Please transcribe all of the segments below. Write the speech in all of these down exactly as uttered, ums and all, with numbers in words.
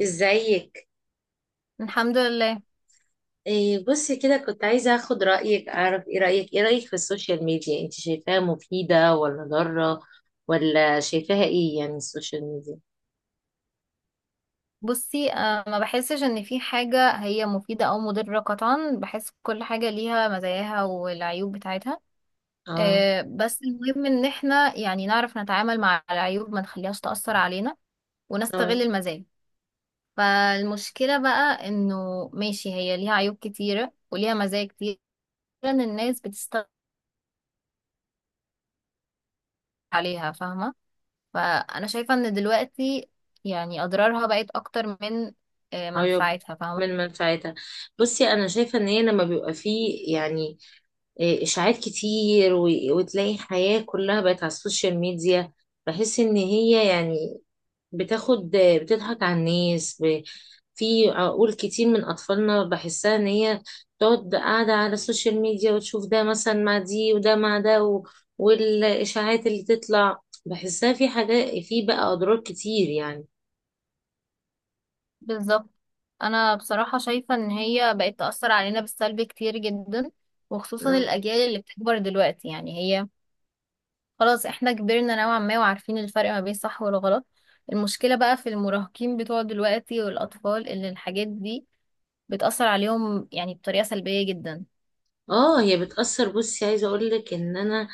ازيك؟ الحمد لله. إيه، بصي كده، كنت عايزة اخد رأيك، اعرف ايه رأيك ايه رأيك في السوشيال ميديا. انت شايفاها مفيدة ولا ضارة؟ ولا شايفاها ايه؟ يعني السوشيال ميديا. بصي، آه، ما بحسش ان في حاجة هي مفيدة او مضرة قطعا. بحس كل حاجة ليها مزاياها والعيوب بتاعتها. اه. آه، بس المهم ان احنا يعني نعرف نتعامل مع العيوب، ما نخليهاش تأثر علينا، اه. ونستغل المزايا. فالمشكلة بقى انه، ماشي، هي ليها عيوب كتيرة وليها مزايا كتيرة، ان الناس بتستغل عليها، فاهمة؟ فانا شايفة ان دلوقتي يعني اضرارها بقت اكتر من آه، عيوب منفعتها، من فاهمة؟ منفعتها. بصي انا شايفة ان هي لما بيبقى فيه، يعني، إيه اشاعات كتير، و- وتلاقي حياة كلها بقت على السوشيال ميديا. بحس ان هي يعني بتاخد، بتضحك على الناس، في عقول كتير من أطفالنا. بحسها إن هي تقعد قاعدة على السوشيال ميديا وتشوف ده مثلا مع دي وده مع ده و... والإشاعات اللي تطلع، بحسها في حاجات، في بقى أضرار كتير يعني. بالظبط، انا بصراحة شايفة ان هي بقت تأثر علينا بالسلب كتير جدا، وخصوصا الاجيال اللي بتكبر دلوقتي يعني. هي خلاص احنا كبرنا نوعا ما وعارفين الفرق ما بين الصح والغلط. المشكلة بقى في المراهقين بتوع دلوقتي والاطفال، اللي الحاجات دي بتأثر عليهم يعني بطريقة سلبية جدا. اه، هي بتأثر. بصي عايزة اقول لك ان انا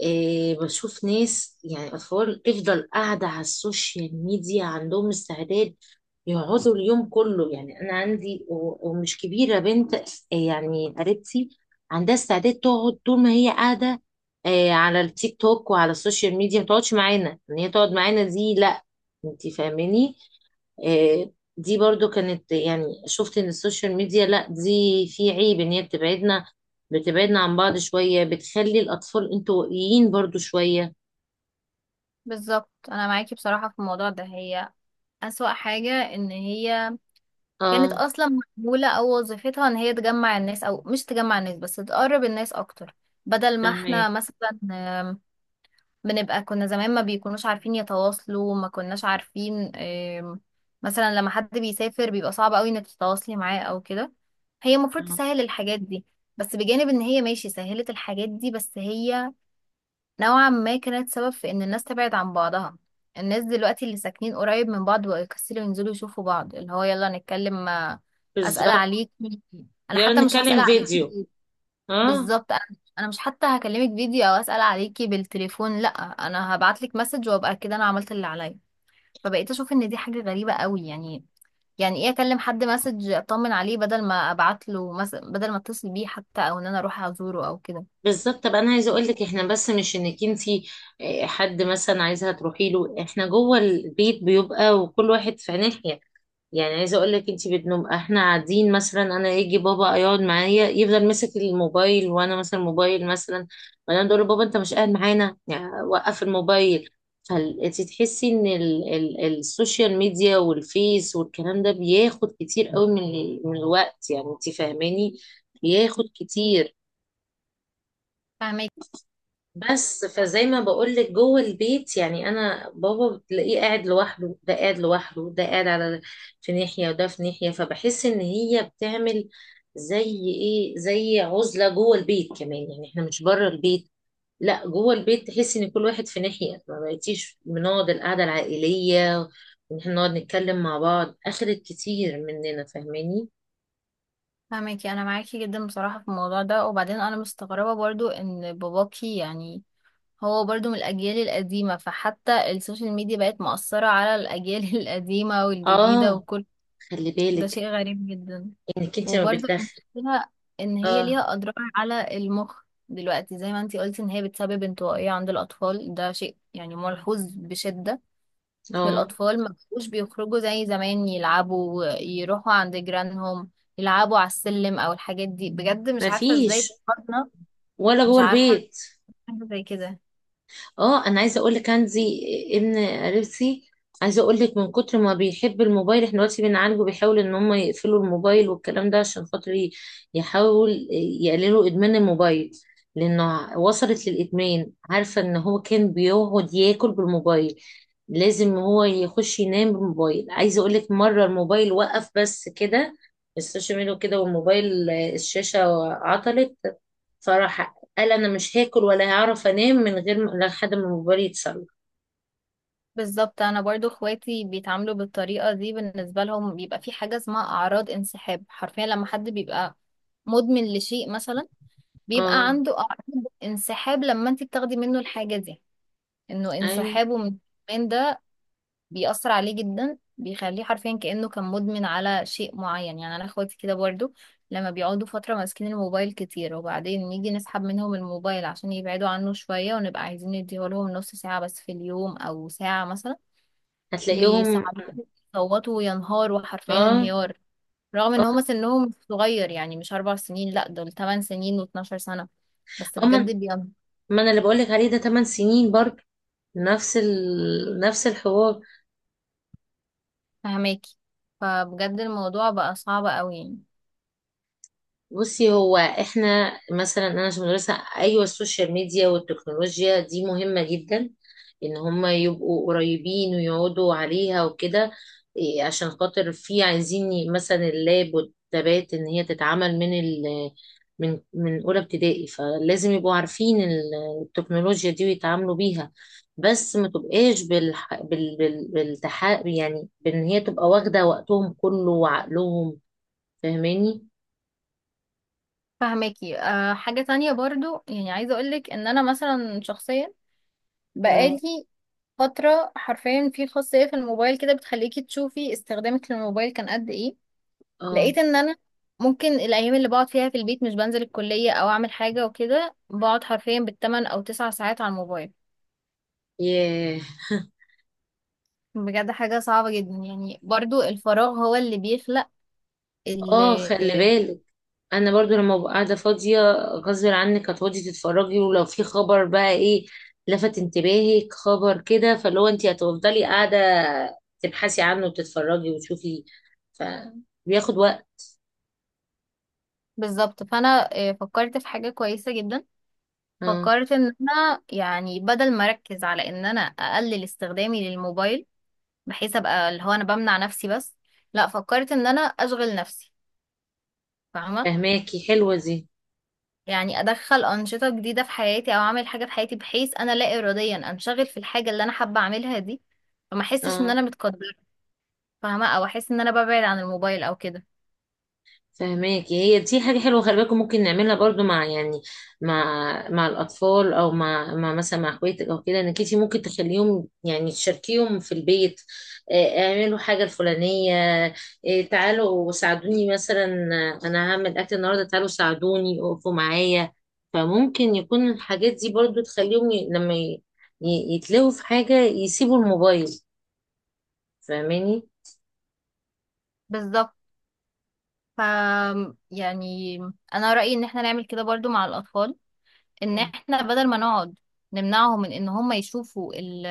إيه بشوف ناس، يعني اطفال، تفضل قاعدة على السوشيال ميديا، عندهم استعداد يقعدوا اليوم كله. يعني انا عندي و- ومش كبيرة، بنت إيه، يعني قريبتي، عندها استعداد تقعد طول ما هي قاعدة إيه على التيك توك وعلى السوشيال ميديا. ما تقعدش معانا، ان هي تقعد معانا دي لا. انت فاهماني. آه، دي برضو كانت، يعني شفت ان السوشيال ميديا لا، دي في عيب ان هي بتبعدنا بتبعدنا عن بعض شوية، بتخلي الاطفال انطوائيين برضو شوية. بالظبط، انا معاكي بصراحة في الموضوع ده، هي أسوأ حاجة ان هي كانت اه. اصلا معموله او وظيفتها ان هي تجمع الناس، او مش تجمع الناس بس تقرب الناس اكتر. بدل ما احنا فهمك. مثلا آم، بنبقى، كنا زمان ما بيكونوش عارفين يتواصلوا، ما كناش عارفين آم، مثلا لما حد بيسافر بيبقى صعب قوي انك تتواصلي معاه او كده. هي المفروض آه. تسهل الحاجات دي، بس بجانب ان هي ماشي سهلت الحاجات دي، بس هي نوعا ما كانت سبب في ان الناس تبعد عن بعضها. الناس دلوقتي اللي ساكنين قريب من بعض بقوا يكسلوا ينزلوا يشوفوا بعض، اللي هو يلا نتكلم، آه، اسال بالظبط. عليك. انا يلا حتى مش هسال نتكلم عليكي فيديو. بال- اه. بالظبط، انا أنا مش حتى هكلمك فيديو او اسال عليكي بالتليفون، لا، انا هبعت لك مسج وابقى كده انا عملت اللي عليا. فبقيت اشوف ان دي حاجه غريبه قوي يعني يعني ايه اكلم حد مسج اطمن عليه بدل ما ابعت له مس... بدل ما اتصل بيه حتى او ان انا اروح ازوره او كده. بالظبط. طب انا عايزه اقول لك احنا، بس مش انك انتي، آه، حد مثلا عايزها تروحي له. احنا جوه البيت بيبقى وكل واحد في ناحيه. يعني عايزه اقول لك انت، بتنوم احنا قاعدين مثلا، انا يجي بابا يقعد معايا يفضل ماسك الموبايل، وانا مثلا موبايل مثلا، وانا اقول له بابا انت مش قاعد معانا، يعني وقف الموبايل. فانت تحسي ان ال ال السوشيال ميديا والفيس والكلام ده بياخد كتير قوي من ال- من الوقت، يعني انت فاهماني، بياخد كتير. فاهمك. بس فزي ما بقولك جوه البيت، يعني انا بابا بتلاقيه قاعد لوحده، ده قاعد لوحده، ده قاعد على، في ناحية، وده في ناحية. فبحس ان هي بتعمل زي ايه، زي عزلة جوه البيت كمان. يعني احنا مش بره البيت، لا جوه البيت، تحس ان كل واحد في ناحية. ما بقيتيش بنقعد القعدة العائلية وان احنا نقعد نتكلم مع بعض. اخدت كتير مننا، فاهماني. فاهمكي، انا معاكي جدا بصراحه في الموضوع ده. وبعدين انا مستغربه برضو ان باباكي يعني هو برضو من الاجيال القديمه، فحتى السوشيال ميديا بقت مؤثره على الاجيال القديمه والجديده اه. وكل خلي ده بالك شيء غريب جدا. انك انت ما وبرضو بتدخل. المشكله ان هي اه. ليها اضرار على المخ دلوقتي، زي ما انتي قلتي ان هي بتسبب انطوائيه عند الاطفال، ده شيء يعني ملحوظ بشده. اه. الأطفال ما بقوش بيخرجوا زي زمان يلعبوا يروحوا عند جيرانهم، يلعبوا على السلم أو الحاجات دي، بجد مش ما عارفة ازاي فيش، فكرنا. ولا مش جوه عارفة، البيت. حاجة زي كده. اه، انا عايزه اقول لك عندي ابن قريبتي. عايزه اقول لك من كتر ما بيحب الموبايل، احنا دلوقتي بنعالجه، بيحاول ان هم يقفلوا الموبايل والكلام ده عشان خاطر ي- يحاول يقللوا ادمان الموبايل. لانه وصلت للادمان، عارفه ان هو كان بيقعد ياكل بالموبايل، لازم هو يخش ينام بالموبايل. عايزه اقول لك مره الموبايل وقف بس كده، السوشيال ميديا كده والموبايل، آه، الشاشه عطلت. فراح قال انا مش هاكل ولا هعرف انام من غير ما- لحد ما الموبايل يتصلح. بالظبط. أنا برضو اخواتي بيتعاملوا بالطريقة دي، بالنسبة لهم بيبقى في حاجة اسمها أعراض انسحاب، حرفيا لما حد بيبقى مدمن لشيء مثلا، بيبقى اه. عنده أعراض انسحاب لما انت بتاخدي منه الحاجة دي، انه ايوه. انسحابه من الإدمان ده بيأثر عليه جدا، بيخليه حرفيا كأنه كان مدمن على شيء معين يعني. انا اخواتي كده برضو، لما بيقعدوا فترة ماسكين الموبايل كتير وبعدين نيجي نسحب منهم الموبايل عشان يبعدوا عنه شوية ونبقى عايزين نديهولهم نص ساعة بس في اليوم او ساعة مثلا، هتلاقيهم. بيصعبوا، يصوتوا وينهاروا حرفيا اه. انهيار. رغم ان هما اه. سنهم مش صغير، يعني مش اربع سنين، لا دول تمن سنين واتناشر سنة، بس آه، بجد ما بيبقى. ما انا اللي بقول لك عليه، ده ثماني سنين برضه. نفس ال... نفس الحوار. فهماكي، فبجد الموضوع بقى صعب قوي يعني. بصي هو احنا مثلا انا عشان مدرسه، ايوه السوشيال ميديا والتكنولوجيا دي مهمه جدا، ان هم يبقوا قريبين ويقعدوا عليها وكده. إيه، عشان خاطر في عايزين ي- مثلا اللاب والتابات ان هي تتعمل من ال من من اولى ابتدائي، فلازم يبقوا عارفين ال- التكنولوجيا دي ويتعاملوا بيها. بس ما تبقاش بالح... بال... بال... بالتح... يعني بان هي تبقى واخده وقتهم كله وعقلهم، فاهماني؟ فهماكي. أه حاجة تانية برضو يعني عايزة اقولك ان انا مثلا شخصيا بقالي آه. فترة، حرفيا في خاصية في الموبايل كده بتخليكي تشوفي استخدامك للموبايل كان قد ايه. اه. لقيت ان انا ممكن الايام اللي بقعد فيها في البيت، مش بنزل الكلية او اعمل حاجة وكده، بقعد حرفيا بالتمن او تسع ساعات على الموبايل. ياه. بجد حاجة صعبة جدا يعني، برضو الفراغ هو اللي بيخلق ال- اه، خلي بالك، انا برضو لما ببقى قاعده فاضيه غصب عنك هتقعدي تتفرجي. ولو في خبر بقى، ايه، لفت انتباهك خبر كده، فاللي هو انت هتفضلي قاعده تبحثي عنه وتتفرجي وتشوفي، فبياخد وقت. بالظبط. فانا آه، فكرت في حاجة كويسة جدا. اه. فكرت ان انا يعني بدل ما اركز على ان انا اقلل استخدامي للموبايل، بحيث ابقى اللي هو انا بمنع نفسي بس، لا فكرت ان انا اشغل نفسي، فاهمة؟ فهماكي، حلوه دي. يعني ادخل انشطة جديدة في حياتي او اعمل حاجة في حياتي، بحيث انا لا اراديا انشغل في الحاجة اللي انا حابة اعملها دي، فما احسش ان اه، انا متقدرة، فاهمة، او احس ان انا ببعد عن الموبايل او كده. فهماكي، هي دي حاجة حلوة. خلي بالكم ممكن نعملها برضو مع، يعني، مع مع الأطفال أو مع, مع مثلا مع اخواتك أو كده، إنك انتي ممكن تخليهم، يعني تشاركيهم في البيت. آه، اعملوا حاجة الفلانية. آه، تعالوا ساعدوني مثلا. آه، أنا هعمل أكل النهاردة، تعالوا ساعدوني اقفوا معايا. فممكن يكون الحاجات دي برضو تخليهم ي- لما ي- ي- يتلهوا في حاجة يسيبوا الموبايل، فاهماني؟ بالظبط. ف يعني انا رأيي ان احنا نعمل كده برضو مع الاطفال، ان احنا بدل ما نقعد نمنعهم من ان هم يشوفوا ال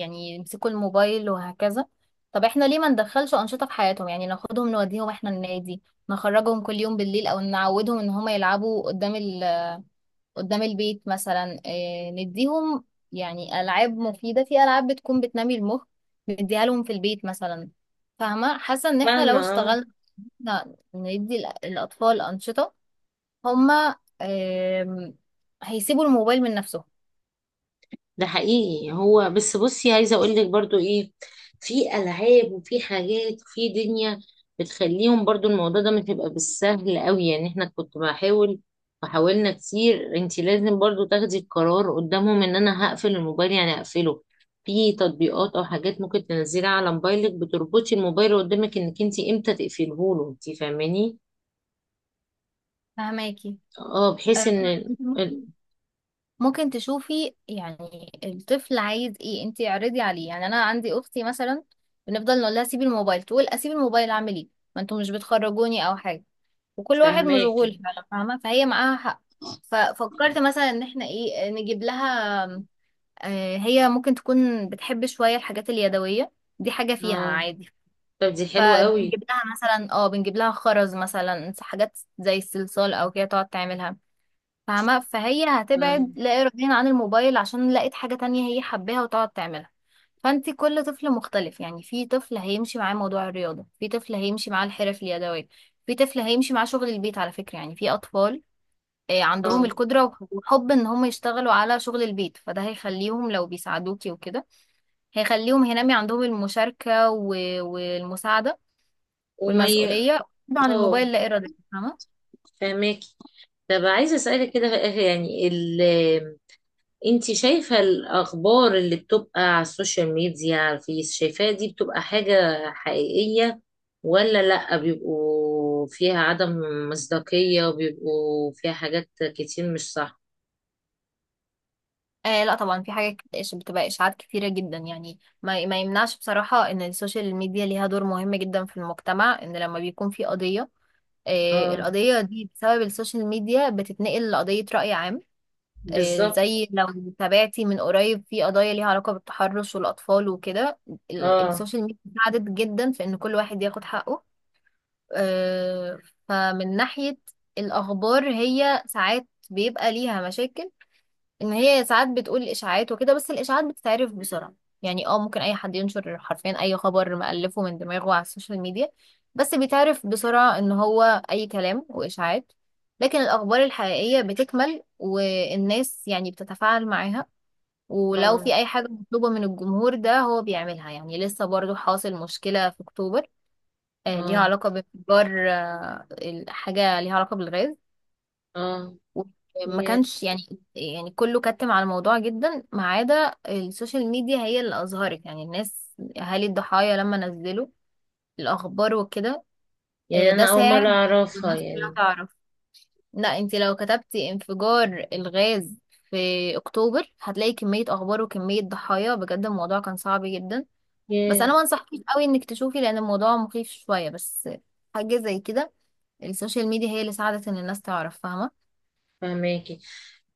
يعني يمسكوا الموبايل وهكذا. طب احنا ليه ما ندخلش انشطه في حياتهم؟ يعني ناخدهم نوديهم احنا النادي، نخرجهم كل يوم بالليل او نعودهم ان هم يلعبوا قدام ال قدام البيت مثلا، إيه نديهم يعني العاب مفيده، في العاب بتكون بتنمي المخ نديها لهم في البيت مثلا. فاهمه؟ حاسه ان احنا لو فاهمة. اشتغلنا ندي الأ- الاطفال انشطه، هما آم، هيسيبوا الموبايل من نفسهم. ده حقيقي، هو بس. بصي عايزه اقول لك برضو، ايه، في العاب وفي حاجات في دنيا بتخليهم برضو، الموضوع ده مش هيبقى بالسهل قوي. يعني احنا كنت بحاول، وحاولنا كتير. انت لازم برضو تاخدي القرار قدامهم ان انا هقفل الموبايل، يعني هقفله. في تطبيقات او حاجات ممكن تنزليها على موبايلك بتربطي الموبايل قدامك انك انت امتى تقفله له، انت فاهماني. فهماكي. اه، آه، بحيث ان ال- انت ممكن ممكن تشوفي يعني الطفل عايز ايه، انت اعرضي عليه. يعني انا عندي اختي مثلا، بنفضل نقول لها سيبي الموبايل، تقول اسيب الموبايل اعمل ايه؟ ما انتوا مش بتخرجوني او حاجه، وكل واحد فاهماكي. مشغول فعلا، فاهمه؟ فهي معاها حق. ففكرت مثلا ان احنا ايه نجيب لها. آه، هي ممكن تكون بتحب شويه الحاجات اليدويه، دي حاجه فيها اه. عادي. طب دي حلوه قوي. فبنجيب لها مثلا اه بنجيب لها خرز مثلا، حاجات زي الصلصال او كده تقعد تعملها، فاهمة؟ فهي اه. هتبعد لا إراديا عن الموبايل عشان لقت حاجة تانية هي حباها وتقعد تعملها. فانت كل طفل مختلف يعني، في طفل هيمشي معاه موضوع الرياضة، في طفل هيمشي معاه الحرف اليدوية، في طفل هيمشي معاه شغل البيت على فكرة، يعني في أطفال آه، عندهم آه. القدرة وح- وحب ان هم يشتغلوا على شغل البيت، فده هيخليهم لو بيساعدوكي وكده، هيخليهم هينمي عندهم المشاركة و- والمساعدة وما ي... والمسؤولية، عن اه. الموبايل لا إرادة، فاهمة؟ فهماكي. طب عايزه اسالك كده في الاخر، يعني ال... انت شايفه الاخبار اللي بتبقى على السوشيال ميديا، على الفيس، شايفاها دي بتبقى حاجه حقيقيه ولا لا، بيبقوا فيها عدم مصداقيه وبيبقوا فيها حاجات كتير مش صح؟ آه، لا طبعا، في حاجات كت- إش- بتبقى اشاعات كتيره جدا يعني، ما ما يمنعش بصراحه ان السوشيال ميديا ليها دور مهم جدا في المجتمع، ان لما بيكون في قضيه، آه اه. القضيه دي بسبب السوشيال ميديا بتتنقل لقضيه راي عام. آه بالظبط. زي لو تابعتي من قريب في قضايا ليها علاقه بالتحرش والاطفال وكده، ال- اه. السوشيال ميديا ساعدت جدا في ان كل واحد ياخد حقه. آه فمن ناحيه الاخبار، هي ساعات بيبقى ليها مشاكل، ان هي ساعات بتقول اشاعات وكده، بس الاشاعات بتتعرف بسرعه. يعني اه ممكن اي حد ينشر حرفيا اي خبر مألفه من دماغه على السوشيال ميديا، بس بيتعرف بسرعه ان هو اي كلام واشاعات. لكن الاخبار الحقيقيه بتكمل والناس يعني بتتفاعل معاها، ولو اه. في اي حاجه مطلوبه من الجمهور ده هو بيعملها. يعني لسه برضو حاصل مشكله في اكتوبر، آه، ليها اه. علاقه بانفجار، آه، حاجه ليها علاقه بالغاز. اه. ما ياه. كانش يعني يعني كله كتم على الموضوع جدا ما عدا السوشيال ميديا، هي اللي اظهرت يعني الناس اهالي الضحايا لما نزلوا الاخبار وكده. آه، يعني ده انا اول مره ساعد اعرفها الناس كلها يعني. تعرف. لا، انت لو كتبتي انفجار الغاز في اكتوبر هتلاقي كمية اخبار وكمية ضحايا، بجد الموضوع كان صعب جدا. بس ياه. انا ما انصحكيش قوي انك تشوفي لان الموضوع مخيف شوية، بس حاجة زي كده. السوشيال ميديا هي اللي ساعدت ان الناس تعرف، فاهمة؟ فهماكي.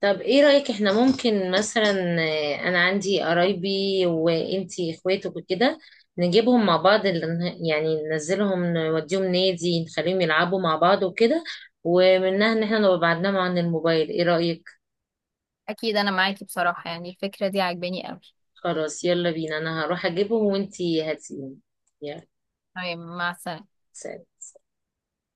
طب ايه رأيك، احنا ممكن مثلا، آه، انا عندي قرايبي وانتي اخواتك وكده، نجيبهم مع بعض، ال- يعني ننزلهم نوديهم نادي، نخليهم يلعبوا مع بعض وكده، ومنها ان احنا نبقى بعدناهم عن الموبايل. ايه رأيك؟ اكيد انا معاكي بصراحة، يعني الفكرة دي عجباني قوي. خلاص، يلا بينا، انا هروح اجيبهم وانتي هاتيهم. يلا. تمام، مع السلامة. سلام.